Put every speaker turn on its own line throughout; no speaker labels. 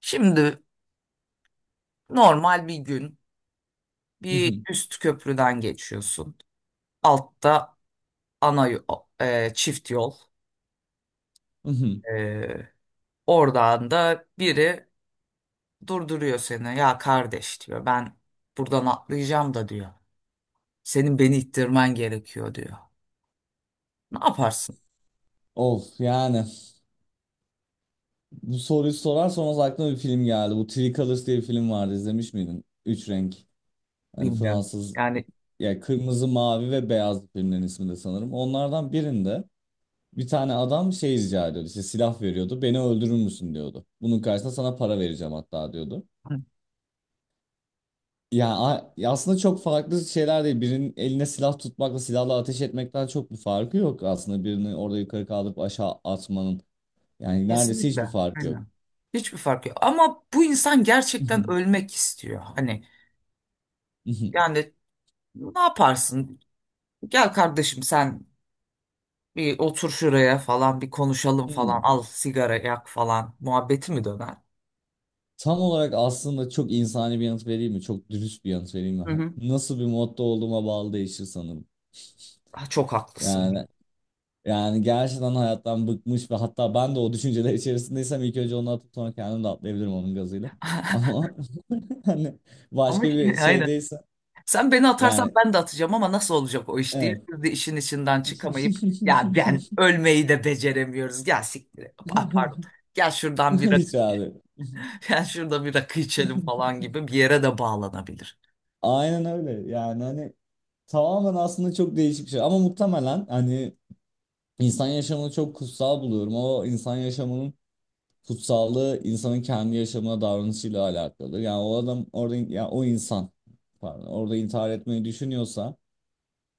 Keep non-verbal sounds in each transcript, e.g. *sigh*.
Şimdi normal bir gün bir
Mhm,
üst köprüden geçiyorsun. Altta ana yo- çift yol.
mhm.
E, Oradan da biri durduruyor seni. Ya kardeş diyor, ben buradan atlayacağım da diyor. Senin beni ittirmen gerekiyor diyor. Ne yaparsın
Of yani bu soruyu sorarsan o aklıma bir film geldi. Bu Three Colors diye bir film vardı. İzlemiş miydin? Üç renk. Hani
bilmiyorum.
Fransız
Yani
ya kırmızı, mavi ve beyaz filmlerin ismi de sanırım. Onlardan birinde bir tane adam şey rica ediyordu. İşte silah veriyordu. Beni öldürür müsün diyordu. Bunun karşısında sana para vereceğim hatta diyordu.
hı,
Ya aslında çok farklı şeyler değil. Birinin eline silah tutmakla silahla ateş etmekten çok bir farkı yok aslında. Birini orada yukarı kaldırıp aşağı atmanın. Yani neredeyse hiçbir
kesinlikle
farkı yok.
aynen. Hiçbir fark yok. Ama bu insan gerçekten
*laughs*
ölmek istiyor. Hani
*laughs*
yani ne yaparsın? Gel kardeşim, sen bir otur şuraya falan, bir konuşalım falan,
Hmm.
al sigara yak falan muhabbeti mi döner?
Tam olarak aslında çok insani bir yanıt vereyim mi? Çok dürüst bir yanıt vereyim mi?
Hı hı.
Nasıl bir modda olduğuma bağlı değişir sanırım.
Ah, çok haklısın
Yani
ya.
yani gerçekten hayattan bıkmış ve hatta ben de o düşünceler içerisindeysem ilk önce onu atıp sonra kendim de atlayabilirim onun gazıyla. *laughs*
*laughs*
Ama *laughs* hani
Ama
başka bir
*laughs* aynen.
şeydeyse
Sen beni atarsan
yani
ben de atacağım, ama nasıl olacak o iş diye.
evet.
Biz de işin içinden çıkamayıp, ya,
*laughs*
ben ölmeyi de beceremiyoruz. Gel siktir et. Pardon. Gel şuradan bir.
Hiç abi.
*laughs* Gel şurada bir rakı içelim falan gibi bir yere de bağlanabilir.
Aynen öyle. Yani hani tamamen aslında çok değişik bir şey. Ama muhtemelen hani İnsan yaşamını çok kutsal buluyorum. O insan yaşamının kutsallığı insanın kendi yaşamına davranışıyla alakalı. Yani o adam orada ya o insan pardon orada intihar etmeyi düşünüyorsa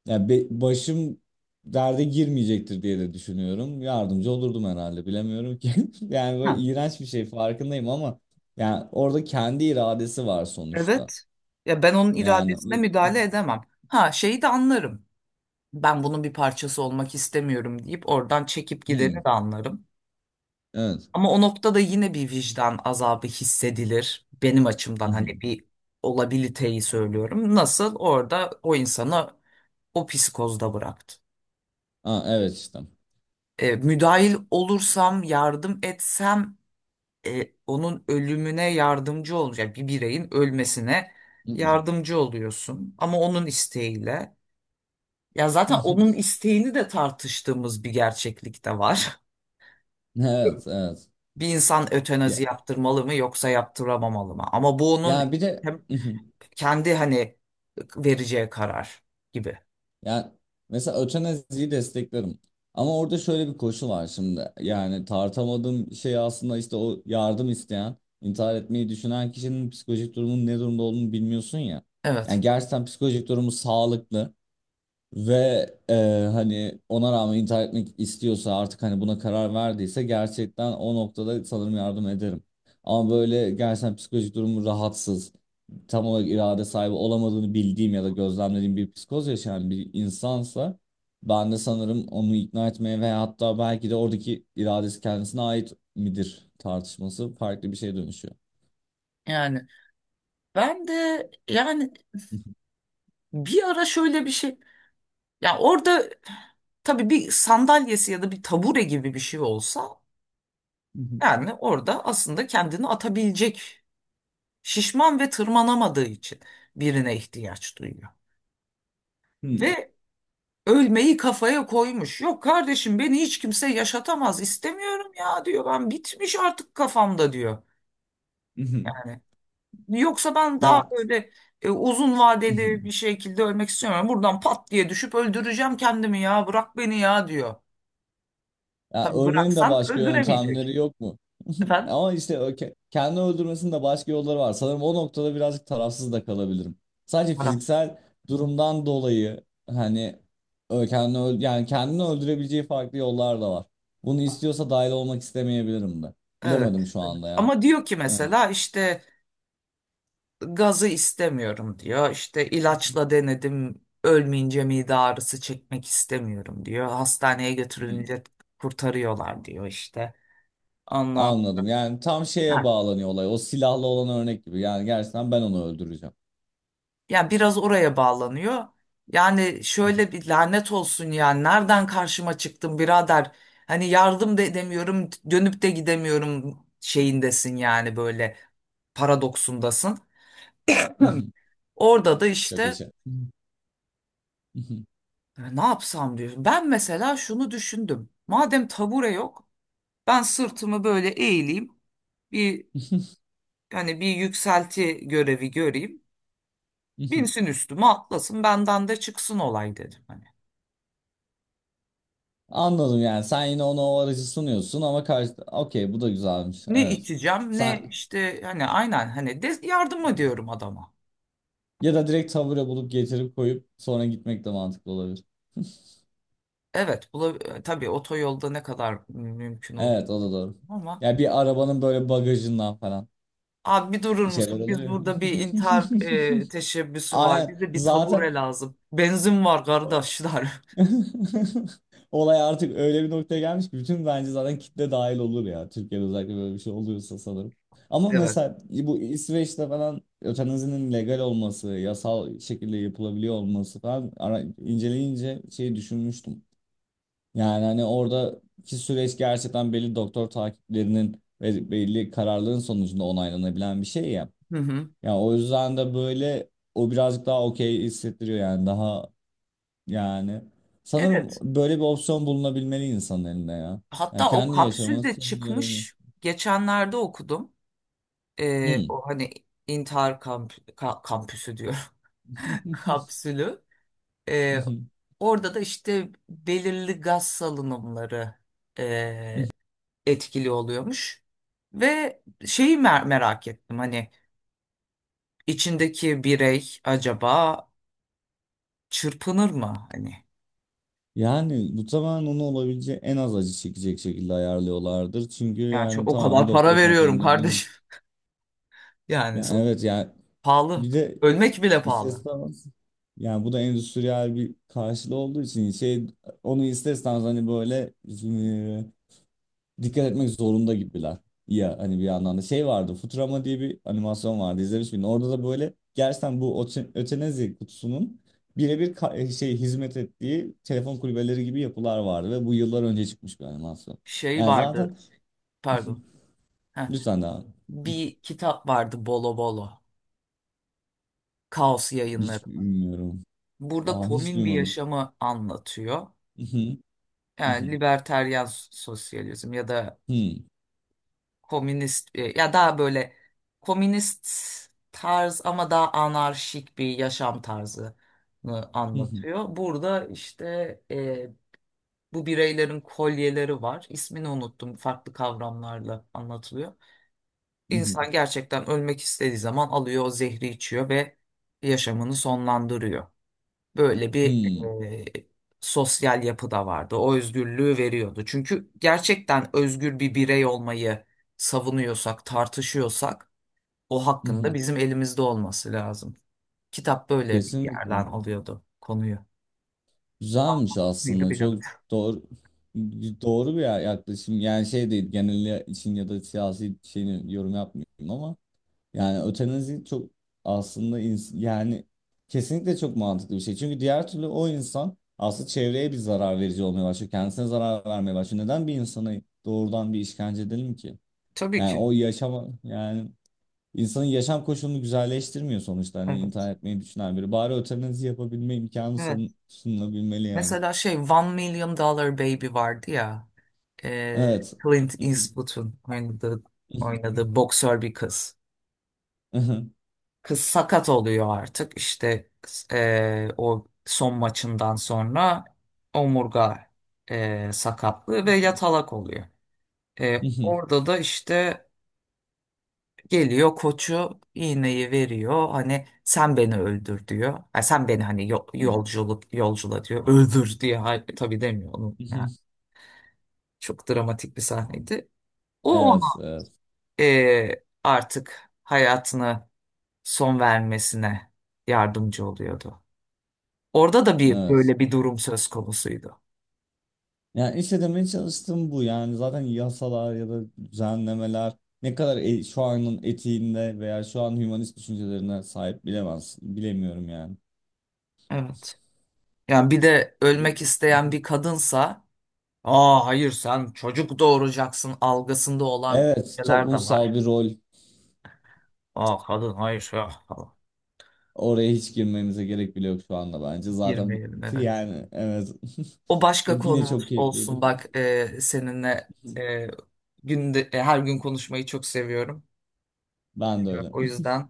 başım derde girmeyecektir diye de düşünüyorum. Yardımcı olurdum herhalde bilemiyorum ki. *laughs* Yani böyle
Ha,
iğrenç bir şey farkındayım ama yani orada kendi iradesi var sonuçta.
evet. Ya ben onun
Yani
iradesine müdahale edemem. Ha, şeyi de anlarım. Ben bunun bir parçası olmak istemiyorum deyip oradan çekip gideni
hı,
de anlarım.
evet.
Ama o noktada yine bir vicdan azabı hissedilir. Benim
Hı
açımdan hani
hı.
bir olabiliteyi söylüyorum. Nasıl orada o insana, o psikozda bıraktı.
Aa, evet işte.
Müdahil olursam, yardım etsem onun ölümüne yardımcı olacak. Yani bir bireyin ölmesine
Hı hı.
yardımcı oluyorsun. Ama onun isteğiyle. Ya zaten onun
*laughs*
isteğini de tartıştığımız bir gerçeklik de var. *laughs*
Evet, evet.
Bir insan ötenazi yaptırmalı mı yoksa yaptıramamalı mı? Ama bu onun
Yani bir de
hem
*laughs*
kendi hani vereceği karar gibi.
yani mesela ötenaziyi desteklerim. Ama orada şöyle bir koşu var şimdi. Yani tartamadığım şey aslında işte o yardım isteyen, intihar etmeyi düşünen kişinin psikolojik durumunun ne durumda olduğunu bilmiyorsun ya. Yani
Evet.
gerçekten psikolojik durumu sağlıklı. Ve e, hani ona rağmen intihar etmek istiyorsa artık hani buna karar verdiyse gerçekten o noktada sanırım yardım ederim. Ama böyle gerçekten psikolojik durumu rahatsız, tam olarak irade sahibi olamadığını bildiğim ya da gözlemlediğim bir psikoz yaşayan bir insansa ben de sanırım onu ikna etmeye veya hatta belki de oradaki iradesi kendisine ait midir tartışması farklı bir şeye dönüşüyor.
Yani ben de bir ara şöyle bir şey, ya orada tabii bir sandalyesi ya da bir tabure gibi bir şey olsa, yani orada aslında kendini atabilecek, şişman ve tırmanamadığı için birine ihtiyaç duyuyor. Ve ölmeyi kafaya koymuş. Yok kardeşim, beni hiç kimse yaşatamaz, istemiyorum ya diyor, ben bitmiş artık kafamda diyor.
*laughs*
Yani yoksa ben daha
Ya
böyle uzun vadeli bir
*laughs*
şekilde ölmek istiyorum. Buradan pat diye düşüp öldüreceğim kendimi, ya bırak beni ya diyor.
ya
Tabii
ölmenin de
bıraksan
başka
öldüremeyecek.
yöntemleri yok mu? *laughs*
Efendim?
Ama işte o kendi öldürmesinin de başka yolları var. Sanırım o noktada birazcık tarafsız da kalabilirim. Sadece
Bırak.
fiziksel durumdan dolayı hani yani kendini öldürebileceği farklı yollar da var. Bunu istiyorsa dahil olmak istemeyebilirim de.
Evet,
Bilemedim şu
evet.
anda ya.
Ama diyor ki
Evet.
mesela işte gazı istemiyorum diyor. İşte ilaçla denedim, ölmeyince mide ağrısı çekmek istemiyorum diyor. Hastaneye
Hmm,
götürülünce kurtarıyorlar diyor işte.
*laughs*
Ondan,
anladım. Yani tam şeye bağlanıyor olay. O silahlı olan örnek gibi. Yani gerçekten ben onu öldüreceğim.
yani biraz oraya bağlanıyor. Yani şöyle bir lanet olsun, yani nereden karşıma çıktın birader? Hani yardım da edemiyorum, dönüp de gidemiyorum şeyindesin, yani böyle paradoksundasın.
*laughs*
Orada da
Çok
işte
yaşa.
Ne yapsam" diyor. Ben mesela şunu düşündüm: madem tabure yok, ben sırtımı böyle eğileyim. Bir hani bir yükselti görevi göreyim. Binsin
*laughs*
üstüme, atlasın, benden de çıksın olay dedim. Hani.
Anladım yani sen yine ona o aracı sunuyorsun ama karşı okey bu da güzelmiş
Ne
evet.
içeceğim ne
Sen
işte, hani aynen, hani de yardım ediyorum adama.
ya da direkt tavure bulup getirip koyup sonra gitmek de mantıklı olabilir.
Evet, tabii otoyolda ne kadar mümkün olur
Evet o da doğru.
ama,
Ya bir arabanın böyle bagajından falan
abi bir durur
bir şeyler
musun? Biz
oluyor.
burada bir intihar
*laughs*
teşebbüsü var.
Aynen
Bize bir
zaten
tabure lazım. Benzin var kardeşler. *laughs*
*laughs* olay artık öyle bir noktaya gelmiş ki bütün bence zaten kitle dahil olur ya. Türkiye'de özellikle böyle bir şey oluyorsa sanırım. Ama
Evet.
mesela bu İsveç'te falan ötenazinin legal olması, yasal şekilde yapılabiliyor olması falan ara, inceleyince şeyi düşünmüştüm. Yani hani oradaki süreç gerçekten belli doktor takiplerinin ve belli kararların sonucunda onaylanabilen bir şey ya.
Hı hı.
Ya o yüzden de böyle o birazcık daha okey hissettiriyor yani daha yani sanırım
Evet.
böyle bir opsiyon bulunabilmeli insanın elinde ya. Yani
Hatta o
kendi
kapsül
yaşaması
de
sonunu görebilir.
çıkmış. Geçenlerde okudum.
Hmm.
O hani intihar kampüsü diyor. *laughs* Kapsülü. E,
*laughs*
Orada da işte belirli gaz salınımları e, etkili oluyormuş. Ve şeyi merak ettim, hani içindeki birey acaba çırpınır mı? Hani
Yani bu tamamen onu olabileceği en az acı çekecek şekilde ayarlıyorlardır. Çünkü
yani çok,
yani
o
tamamen
kadar para
doktor
veriyorum
kontrolünde. Hmm.
kardeşim. *laughs* Yani
Yani
so-
evet yani
Pahalı.
bir de
Ölmek bile pahalı.
istatistik yani bu da endüstriyel bir karşılığı olduğu için şey onu isterseniz hani böyle dikkat etmek zorunda gibiler. Ya hani bir yandan da şey vardı Futurama diye bir animasyon vardı izlemiş miydin? Orada da böyle gerçekten bu ötenazi kutusunun birebir şey hizmet ettiği telefon kulübeleri gibi yapılar vardı ve bu yıllar önce çıkmış bir animasyon.
Şey
Yani
vardı
zaten
pardon.
*laughs*
Heh,
lütfen daha
bir kitap vardı, Bolo Bolo. Kaos Yayınları.
hiç bilmiyorum.
Burada
Aa hiç
komün bir
duymadım.
yaşamı anlatıyor.
*laughs*
Yani liberteryan sosyalizm ya da komünist ya daha böyle komünist tarz ama daha anarşik bir yaşam tarzını anlatıyor. Burada işte e, bu bireylerin kolyeleri var. İsmini unuttum. Farklı kavramlarla anlatılıyor. İnsan gerçekten ölmek istediği zaman alıyor, o zehri içiyor ve yaşamını sonlandırıyor. Böyle bir e, sosyal yapı da vardı. O özgürlüğü veriyordu. Çünkü gerçekten özgür bir birey olmayı savunuyorsak, tartışıyorsak, o hakkında bizim elimizde olması lazım. Kitap böyle bir
Kesinlikle.
yerden alıyordu konuyu.
Güzelmiş
Miydi
aslında çok
bilemedim.
doğru doğru bir yaklaşım yani şey değil genel için ya da siyasi şeyini yorum yapmıyorum ama yani ötenazi çok aslında yani kesinlikle çok mantıklı bir şey çünkü diğer türlü o insan aslında çevreye bir zarar verici olmaya başlıyor kendisine zarar vermeye başlıyor neden bir insana doğrudan bir işkence edelim ki
Tabii
yani
ki.
o yaşama yani insanın yaşam koşulunu güzelleştirmiyor sonuçta hani intihar
Evet.
etmeyi düşünen biri bari ötenazi yapabilme imkanı
Evet.
sunulabilmeli yani.
Mesela şey, One Million Dollar Baby vardı ya. E,
Evet.
Clint
Mhm,
Eastwood'un oynadığı,
mhm,
oynadığı boksör bir kız.
mhm,
Kız sakat oluyor artık işte o son maçından sonra omurga sakatlığı ve
mhm,
yatalak oluyor.
mhm,
Orada da işte geliyor koçu, iğneyi veriyor, hani sen beni öldür diyor. Ha, sen beni hani
mhm,
yolculuk yolcula diyor *laughs* öldür diye. Hayır, tabii demiyor onu. Yani
mhm.
çok dramatik bir sahneydi. O ona
Evet, evet,
artık hayatını son vermesine yardımcı oluyordu. Orada da bir
evet.
böyle bir durum söz konusuydu.
Yani işte demeye çalıştığım bu. Yani zaten yasalar ya da düzenlemeler ne kadar şu anın etiğinde veya şu an hümanist düşüncelerine sahip bilemez, bilemiyorum yani.
Evet. Yani bir de ölmek isteyen
Mhm.
bir kadınsa, aa hayır sen çocuk doğuracaksın algısında olan
Evet,
şeyler de
toplumsal
var.
bir rol.
Aa kadın hayır ya falan.
Oraya hiç girmemize gerek bile yok şu anda bence. Zaten
Girmeyelim, evet.
yani evet.
O
*laughs*
başka
Yine çok
konumuz
keyifliydi.
olsun bak, seninle e, her gün konuşmayı çok seviyorum.
Ben de
Evet,
öyle.
o yüzden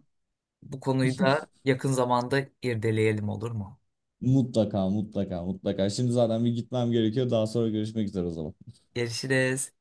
bu konuyu da
*laughs*
yakın zamanda irdeleyelim, olur mu?
Mutlaka mutlaka mutlaka. Şimdi zaten bir gitmem gerekiyor. Daha sonra görüşmek üzere o zaman.
Görüşürüz.